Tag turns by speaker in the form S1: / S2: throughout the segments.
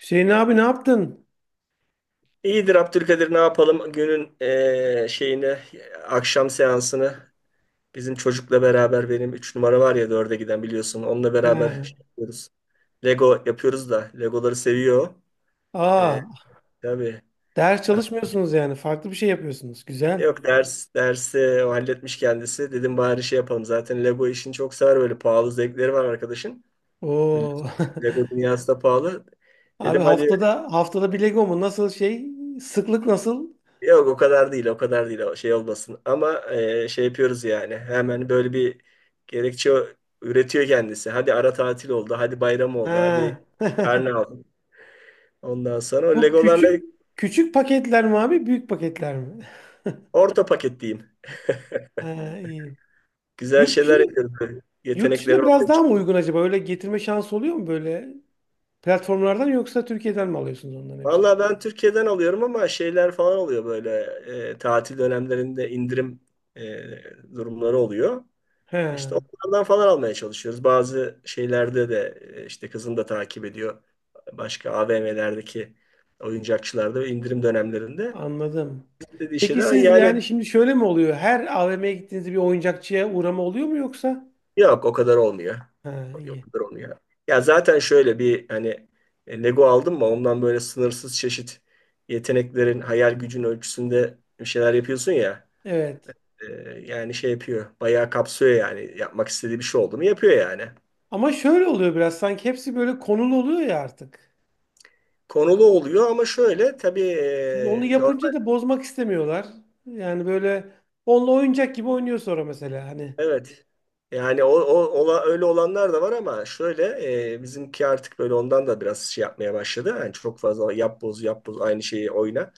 S1: Hüseyin abi ne yaptın?
S2: İyidir Abdülkadir ne yapalım günün şeyini akşam seansını bizim çocukla beraber benim 3 numara var ya 4'e giden biliyorsun onunla beraber
S1: He.
S2: şey yapıyoruz. Lego yapıyoruz da Legoları seviyor. Eee
S1: Aa,
S2: tabii.
S1: ders çalışmıyorsunuz yani. Farklı bir şey yapıyorsunuz. Güzel.
S2: Yok ders dersi o halletmiş kendisi. Dedim bari şey yapalım. Zaten Lego işini çok sever böyle pahalı zevkleri var arkadaşın.
S1: Oo.
S2: Biliyorsun, Lego dünyası da pahalı.
S1: Abi
S2: Dedim hadi.
S1: haftada bir Lego mu? Nasıl şey? Sıklık nasıl?
S2: Yok o kadar değil, o kadar değil. O şey olmasın. Ama şey yapıyoruz yani. Hemen böyle bir gerekçe üretiyor kendisi. Hadi ara tatil oldu, hadi bayram oldu, hadi
S1: He.
S2: karne aldı. Ondan sonra o
S1: Bu
S2: Legolarla
S1: küçük paketler mi abi? Büyük paketler mi?
S2: orta paket diyeyim.
S1: He, iyi.
S2: Güzel
S1: Yurt
S2: şeyler
S1: dışında,
S2: yapıyoruz böyle.
S1: yurt dışında
S2: Yetenekleri
S1: biraz
S2: ortaya
S1: daha mı
S2: çıkıyor.
S1: uygun acaba? Öyle getirme şansı oluyor mu böyle platformlardan yoksa Türkiye'den mi alıyorsunuz onların hepsini?
S2: Valla ben Türkiye'den alıyorum ama şeyler falan oluyor böyle. Tatil dönemlerinde indirim e, durumları oluyor. İşte
S1: He.
S2: onlardan falan almaya çalışıyoruz. Bazı şeylerde de işte kızım da takip ediyor. Başka AVM'lerdeki oyuncakçılarda ve indirim dönemlerinde
S1: Anladım.
S2: dediği
S1: Peki
S2: şeyler "Ay
S1: siz
S2: yani
S1: yani şimdi şöyle mi oluyor? Her AVM'ye gittiğinizde bir oyuncakçıya uğrama oluyor mu yoksa?
S2: yok o kadar olmuyor.
S1: Ha,
S2: Yok o
S1: iyi.
S2: kadar olmuyor. Ya zaten şöyle bir hani Lego aldım mı ondan böyle sınırsız çeşit yeteneklerin hayal gücün ölçüsünde bir şeyler yapıyorsun ya.
S1: Evet.
S2: E, Yani şey yapıyor. Bayağı kapsıyor yani. Yapmak istediği bir şey oldu mu yapıyor yani
S1: Ama şöyle oluyor biraz sanki hepsi böyle konulu oluyor ya artık.
S2: konulu oluyor ama şöyle tabii
S1: Şimdi onu
S2: e,
S1: yapınca da bozmak istemiyorlar. Yani böyle onunla oyuncak gibi oynuyor sonra mesela hani.
S2: evet. Yani o öyle olanlar da var ama şöyle bizimki artık böyle ondan da biraz şey yapmaya başladı. Yani çok fazla yap boz yap boz aynı şeyi oyna.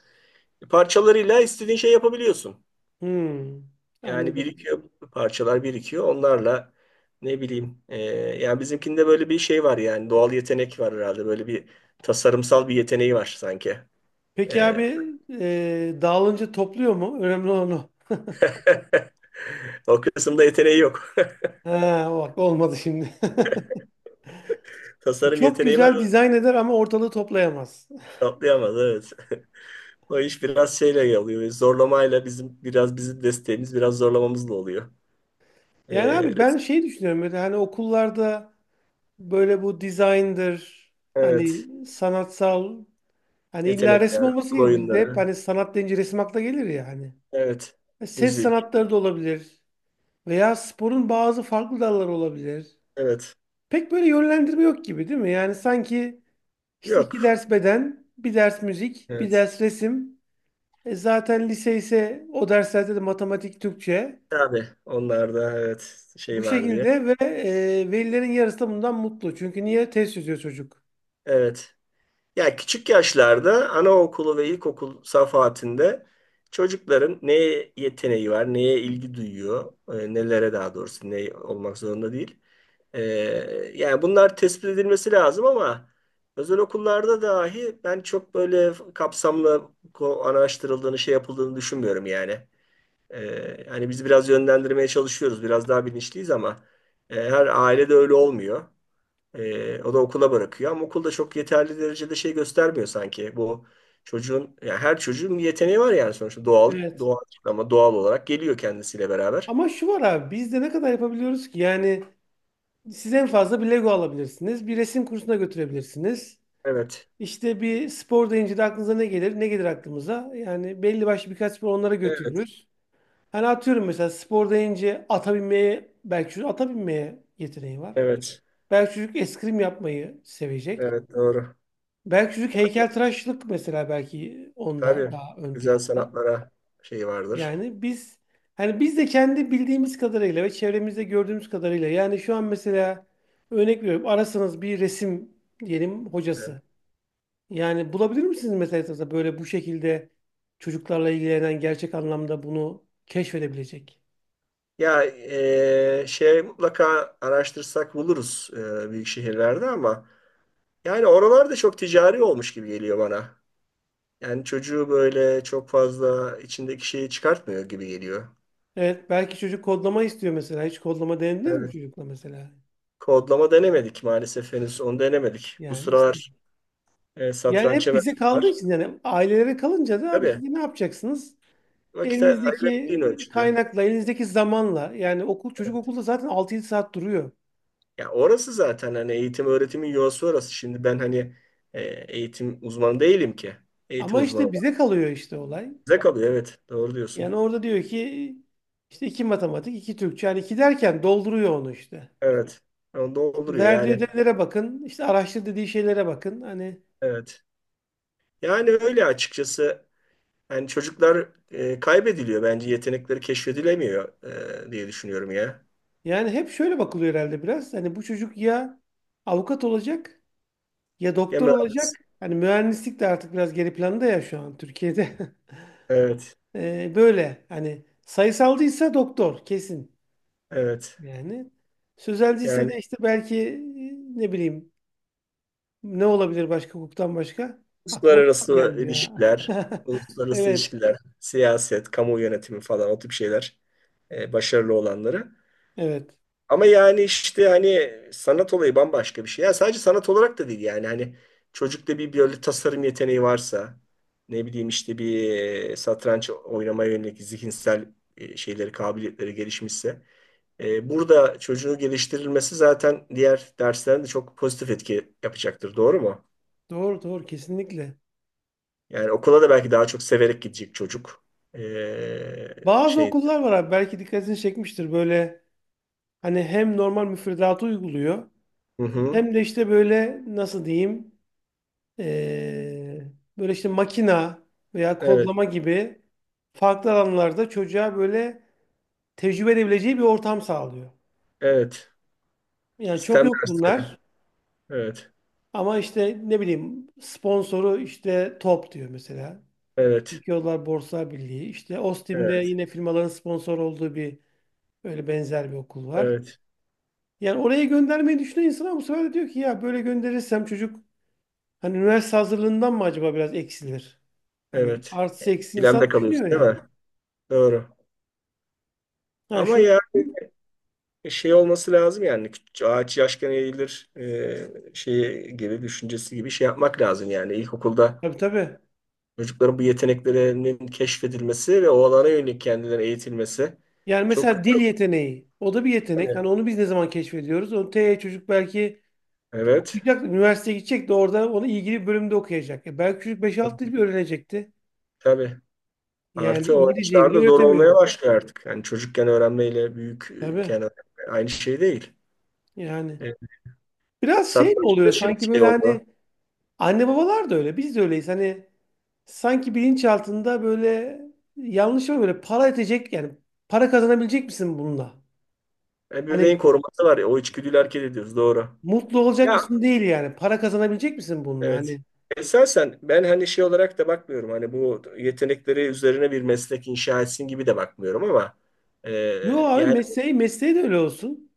S2: Parçalarıyla istediğin şey yapabiliyorsun.
S1: Hmm,
S2: Yani
S1: anladım.
S2: birikiyor parçalar birikiyor. Onlarla ne bileyim yani bizimkinde böyle bir şey var yani doğal yetenek var herhalde. Böyle bir tasarımsal bir yeteneği var sanki.
S1: Peki
S2: E,
S1: abi dağılınca topluyor mu? Önemli olan o.
S2: O kısımda yeteneği yok.
S1: Ha, bak olmadı şimdi.
S2: Tasarım
S1: Çok
S2: yeteneği var.
S1: güzel dizayn eder ama ortalığı toplayamaz.
S2: Atlayamaz evet. O iş biraz şeyle oluyor. Zorlamayla bizim biraz bizim desteğimiz biraz zorlamamızla oluyor. Ee,
S1: Yani abi
S2: res-
S1: ben şey düşünüyorum böyle hani okullarda böyle bu dizayndır, hani
S2: evet.
S1: sanatsal, hani illa resim
S2: Yetenekler,
S1: olması
S2: akıl
S1: gibi, bizde hep
S2: oyunları.
S1: hani sanat deyince resim akla gelir ya hani.
S2: Evet.
S1: E, ses
S2: Müzik.
S1: sanatları da olabilir veya sporun bazı farklı dalları olabilir.
S2: Evet.
S1: Pek böyle yönlendirme yok gibi değil mi? Yani sanki işte iki
S2: Yok.
S1: ders beden, bir ders müzik, bir
S2: Evet.
S1: ders resim. E zaten lise ise o derslerde de matematik, Türkçe.
S2: Tabii onlarda evet
S1: Bu
S2: şey var diye.
S1: şekilde ve e, velilerin yarısı da bundan mutlu. Çünkü niye test çözüyor çocuk?
S2: Evet. Ya küçük yaşlarda anaokulu ve ilkokul safhatinde çocukların neye yeteneği var, neye ilgi duyuyor, nelere daha doğrusu ne olmak zorunda değil. Ee, Yani bunlar tespit edilmesi lazım ama özel okullarda dahi ben çok böyle kapsamlı araştırıldığını, şey yapıldığını düşünmüyorum yani. Hani biz biraz yönlendirmeye çalışıyoruz, biraz daha bilinçliyiz ama her ailede öyle olmuyor. O da okula bırakıyor ama okulda çok yeterli derecede şey göstermiyor sanki. Bu çocuğun, yani her çocuğun bir yeteneği var yani sonuçta doğal,
S1: Evet.
S2: doğal ama doğal olarak geliyor kendisiyle beraber.
S1: Ama şu var abi, biz de ne kadar yapabiliyoruz ki? Yani siz en fazla bir Lego alabilirsiniz. Bir resim kursuna götürebilirsiniz.
S2: Evet,
S1: İşte bir spor deyince de aklınıza ne gelir? Ne gelir aklımıza? Yani belli başlı birkaç spor onlara
S2: evet,
S1: götürürüz. Hani atıyorum, mesela spor deyince ata binmeye, belki çocuk ata binmeye yeteneği var.
S2: evet,
S1: Belki çocuk eskrim yapmayı sevecek.
S2: evet doğru.
S1: Belki çocuk heykeltıraşlık, mesela belki onda
S2: Tabii
S1: daha ön
S2: güzel
S1: planda.
S2: sanatlara şey vardır.
S1: Yani biz, hani biz de kendi bildiğimiz kadarıyla ve çevremizde gördüğümüz kadarıyla, yani şu an mesela örnek veriyorum, arasanız bir resim diyelim
S2: Evet.
S1: hocası. Yani bulabilir misiniz mesela etrafta böyle bu şekilde çocuklarla ilgilenen, gerçek anlamda bunu keşfedebilecek?
S2: Ya şey mutlaka araştırsak buluruz büyük şehirlerde ama yani oralarda çok ticari olmuş gibi geliyor bana. Yani çocuğu böyle çok fazla içindeki şeyi çıkartmıyor gibi geliyor.
S1: Evet, belki çocuk kodlama istiyor mesela. Hiç kodlama denediniz mi
S2: Evet.
S1: çocukla mesela?
S2: Kodlama denemedik maalesef henüz onu denemedik. Bu
S1: Yani işte,
S2: sıralar
S1: yani
S2: satranç
S1: hep bize kaldığı
S2: var.
S1: için, yani ailelere kalınca da abi siz
S2: Tabii
S1: de ne yapacaksınız?
S2: vakit
S1: Elinizdeki
S2: ayırabildiğin ölçüde.
S1: kaynakla, elinizdeki zamanla, yani okul, çocuk okulda zaten altı yedi saat duruyor.
S2: Ya orası zaten hani eğitim öğretimin yuvası orası. Şimdi ben hani e, eğitim uzmanı değilim ki. Eğitim
S1: Ama
S2: uzmanı
S1: işte bize
S2: var.
S1: kalıyor işte olay.
S2: Bize kalıyor evet. Doğru diyorsun.
S1: Yani orada diyor ki işte iki matematik, iki Türkçe. Yani iki derken dolduruyor onu işte.
S2: Evet. Onu
S1: İşte
S2: dolduruyor
S1: verdiği
S2: yani.
S1: ödevlere bakın, işte araştır dediği şeylere bakın. Hani
S2: Evet. Yani öyle açıkçası. Yani çocuklar kaybediliyor bence. Yetenekleri keşfedilemiyor diye düşünüyorum ya.
S1: yani hep şöyle bakılıyor herhalde biraz. Hani bu çocuk ya avukat olacak ya
S2: Ya
S1: doktor olacak.
S2: mühendis.
S1: Hani mühendislik de artık biraz geri planda ya şu an Türkiye'de.
S2: Evet.
S1: Böyle hani sayısalcıysa doktor kesin.
S2: Evet.
S1: Yani sözelciyse
S2: Yani
S1: de işte belki ne bileyim, ne olabilir başka hukuktan başka? Aklıma bir şey
S2: uluslararası
S1: gelmiyor.
S2: ilişkiler,
S1: Ha.
S2: uluslararası
S1: Evet,
S2: ilişkiler, siyaset, kamu yönetimi falan o tip şeyler başarılı olanları.
S1: evet.
S2: Ama yani işte hani sanat olayı bambaşka bir şey. Ya sadece sanat olarak da değil yani hani çocukta bir böyle tasarım yeteneği varsa ne bileyim işte bir satranç oynamaya yönelik zihinsel şeyleri kabiliyetleri gelişmişse burada çocuğu geliştirilmesi zaten diğer derslerinde çok pozitif etki yapacaktır. Doğru mu?
S1: Doğru, doğru kesinlikle.
S2: Yani okula da belki daha çok severek gidecek çocuk. E,
S1: Bazı
S2: Şey.
S1: okullar var abi, belki dikkatini çekmiştir böyle, hani hem normal müfredatı uyguluyor
S2: Hı hı.
S1: hem de işte böyle nasıl diyeyim, e, böyle işte makina veya
S2: Evet.
S1: kodlama gibi farklı alanlarda çocuğa böyle tecrübe edebileceği bir ortam sağlıyor.
S2: Evet.
S1: Yani çok
S2: Sistem
S1: yok
S2: dersleri.
S1: bunlar.
S2: Evet.
S1: Ama işte ne bileyim sponsoru işte Top diyor mesela.
S2: Evet.
S1: Türkiye Odalar Borsa Birliği. İşte Ostim'de
S2: Evet.
S1: yine firmaların sponsor olduğu bir, öyle benzer bir okul var.
S2: Evet,
S1: Yani oraya göndermeyi düşünen insan, ama bu sefer de diyor ki ya böyle gönderirsem çocuk hani üniversite hazırlığından mı acaba biraz eksilir? Hani
S2: evet.
S1: artısı eksi
S2: İkilemde
S1: insan
S2: kalıyorsun
S1: düşünüyor
S2: değil
S1: yani.
S2: mi? Doğru.
S1: Ha
S2: Ama
S1: şunu,
S2: ya şey olması lazım yani ağaç yaşken eğilir şeyi gibi düşüncesi gibi şey yapmak lazım yani ilkokulda
S1: tabii tabii.
S2: çocukların bu yeteneklerinin keşfedilmesi ve o alana yönelik kendilerine eğitilmesi
S1: Yani
S2: çok
S1: mesela dil
S2: güzel
S1: yeteneği. O da bir yetenek.
S2: tabii.
S1: Hani onu biz ne zaman keşfediyoruz? O T çocuk belki
S2: Evet.
S1: okuyacak, üniversiteye gidecek de orada onu ilgili bir bölümde okuyacak. E belki çocuk 5-6 dil bile öğrenecekti.
S2: Tabii.
S1: Yani
S2: Artı o
S1: İngilizceyi bile
S2: yaşlarda zor olmaya
S1: öğretemiyorum.
S2: başlıyor artık. Yani çocukken öğrenmeyle
S1: Tabii
S2: büyükken öğrenme aynı şey değil.
S1: yani.
S2: Evet.
S1: Biraz şey mi
S2: Satranç da
S1: oluyor
S2: şimdi
S1: sanki
S2: şey
S1: böyle
S2: oldu.
S1: hani, anne babalar da öyle, biz de öyleyiz. Hani sanki bilinçaltında böyle yanlış mı, böyle para edecek yani, para kazanabilecek misin bununla? Hani
S2: Ebeveyn koruması var ya o içgüdüyü hareket ediyoruz doğru.
S1: mutlu olacak
S2: Ya
S1: mısın değil, yani para kazanabilecek misin bununla?
S2: evet.
S1: Hani
S2: Esasen ben hani şey olarak da bakmıyorum. Hani bu yetenekleri üzerine bir meslek inşa etsin gibi de bakmıyorum ama e,
S1: yo abi,
S2: yani
S1: mesleği de öyle olsun.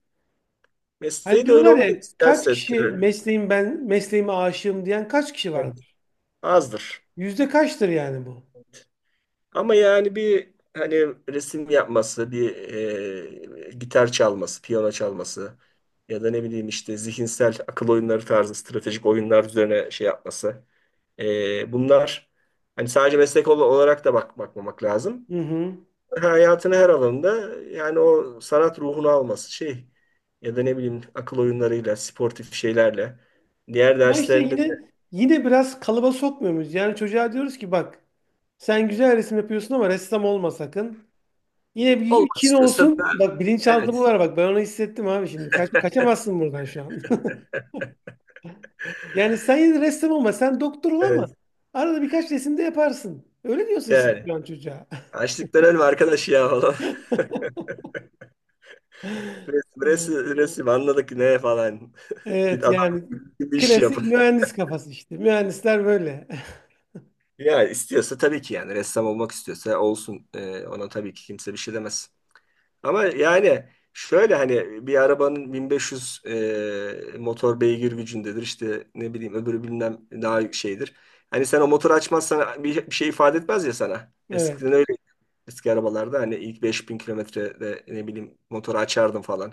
S1: Hani
S2: mesleği de öyle
S1: diyorlar
S2: olmak
S1: ya kaç
S2: isterse
S1: kişi,
S2: tabii,
S1: mesleğim, ben mesleğime aşığım diyen kaç kişi
S2: evet,
S1: vardır?
S2: azdır.
S1: Yüzde kaçtır yani bu?
S2: Ama yani bir hani resim yapması, bir gitar çalması, piyano çalması ya da ne bileyim işte zihinsel akıl oyunları tarzı stratejik oyunlar üzerine şey yapması. Bunlar hani sadece meslek olarak da bakmamak lazım.
S1: Hı hı.
S2: Hayatın her alanında yani o sanat ruhunu alması şey ya da ne bileyim akıl oyunlarıyla, sportif şeylerle diğer
S1: Ama işte
S2: derslerinde de
S1: yine biraz kalıba sokmuyor muyuz? Yani çocuğa diyoruz ki bak, sen güzel resim yapıyorsun ama ressam olma sakın. Yine bir
S2: olmak
S1: için
S2: istiyorsa da
S1: olsun. Bak bilinçaltı bu,
S2: evet.
S1: var bak, ben onu hissettim abi şimdi. Kaç, kaçamazsın buradan şu an. Yani sen yine de ressam olma, sen doktor ol ama
S2: Evet.
S1: arada birkaç resim de yaparsın. Öyle diyorsun siz
S2: Yani
S1: şu an çocuğa.
S2: açlıktan ölme arkadaş ya falan. Resim, resim, resim anladık ne falan. Git
S1: Evet
S2: adam
S1: yani
S2: gibi iş yap.
S1: klasik mühendis kafası işte. Mühendisler böyle.
S2: Ya istiyorsa tabii ki yani ressam olmak istiyorsa olsun. Ona tabii ki kimse bir şey demez. Ama yani şöyle hani bir arabanın 1500 motor beygir gücündedir. İşte ne bileyim öbürü bilmem daha şeydir. Hani sen o motoru açmazsan bir şey ifade etmez ya sana.
S1: Evet.
S2: Eskiden öyle eski arabalarda hani ilk 5000 kilometrede ne bileyim motoru açardım falan.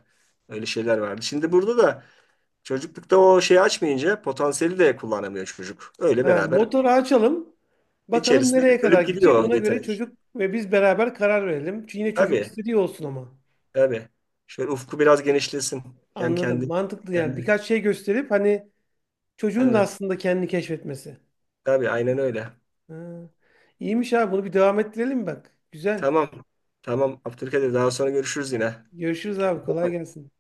S2: Öyle şeyler vardı. Şimdi burada da çocuklukta o şeyi açmayınca potansiyeli de kullanamıyor çocuk. Öyle
S1: Ha,
S2: beraber
S1: motoru açalım. Bakalım
S2: içerisinde
S1: nereye kadar
S2: ölüp
S1: gidecek.
S2: gidiyor o
S1: Ona göre
S2: yetenek.
S1: çocuk ve biz beraber karar verelim. Çünkü yine çocuğun
S2: Tabii
S1: istediği olsun ama.
S2: tabii. Şöyle ufku biraz genişlesin. Hem
S1: Anladım.
S2: kendi
S1: Mantıklı yani.
S2: kendi
S1: Birkaç şey gösterip hani çocuğun da
S2: Evet.
S1: aslında kendini keşfetmesi.
S2: Tabii aynen öyle.
S1: Ha. İyiymiş abi. Bunu bir devam ettirelim bak. Güzel.
S2: Tamam. Tamam Abdülkadir daha sonra görüşürüz yine.
S1: Görüşürüz abi.
S2: Kendine iyi
S1: Kolay
S2: bak.
S1: gelsin.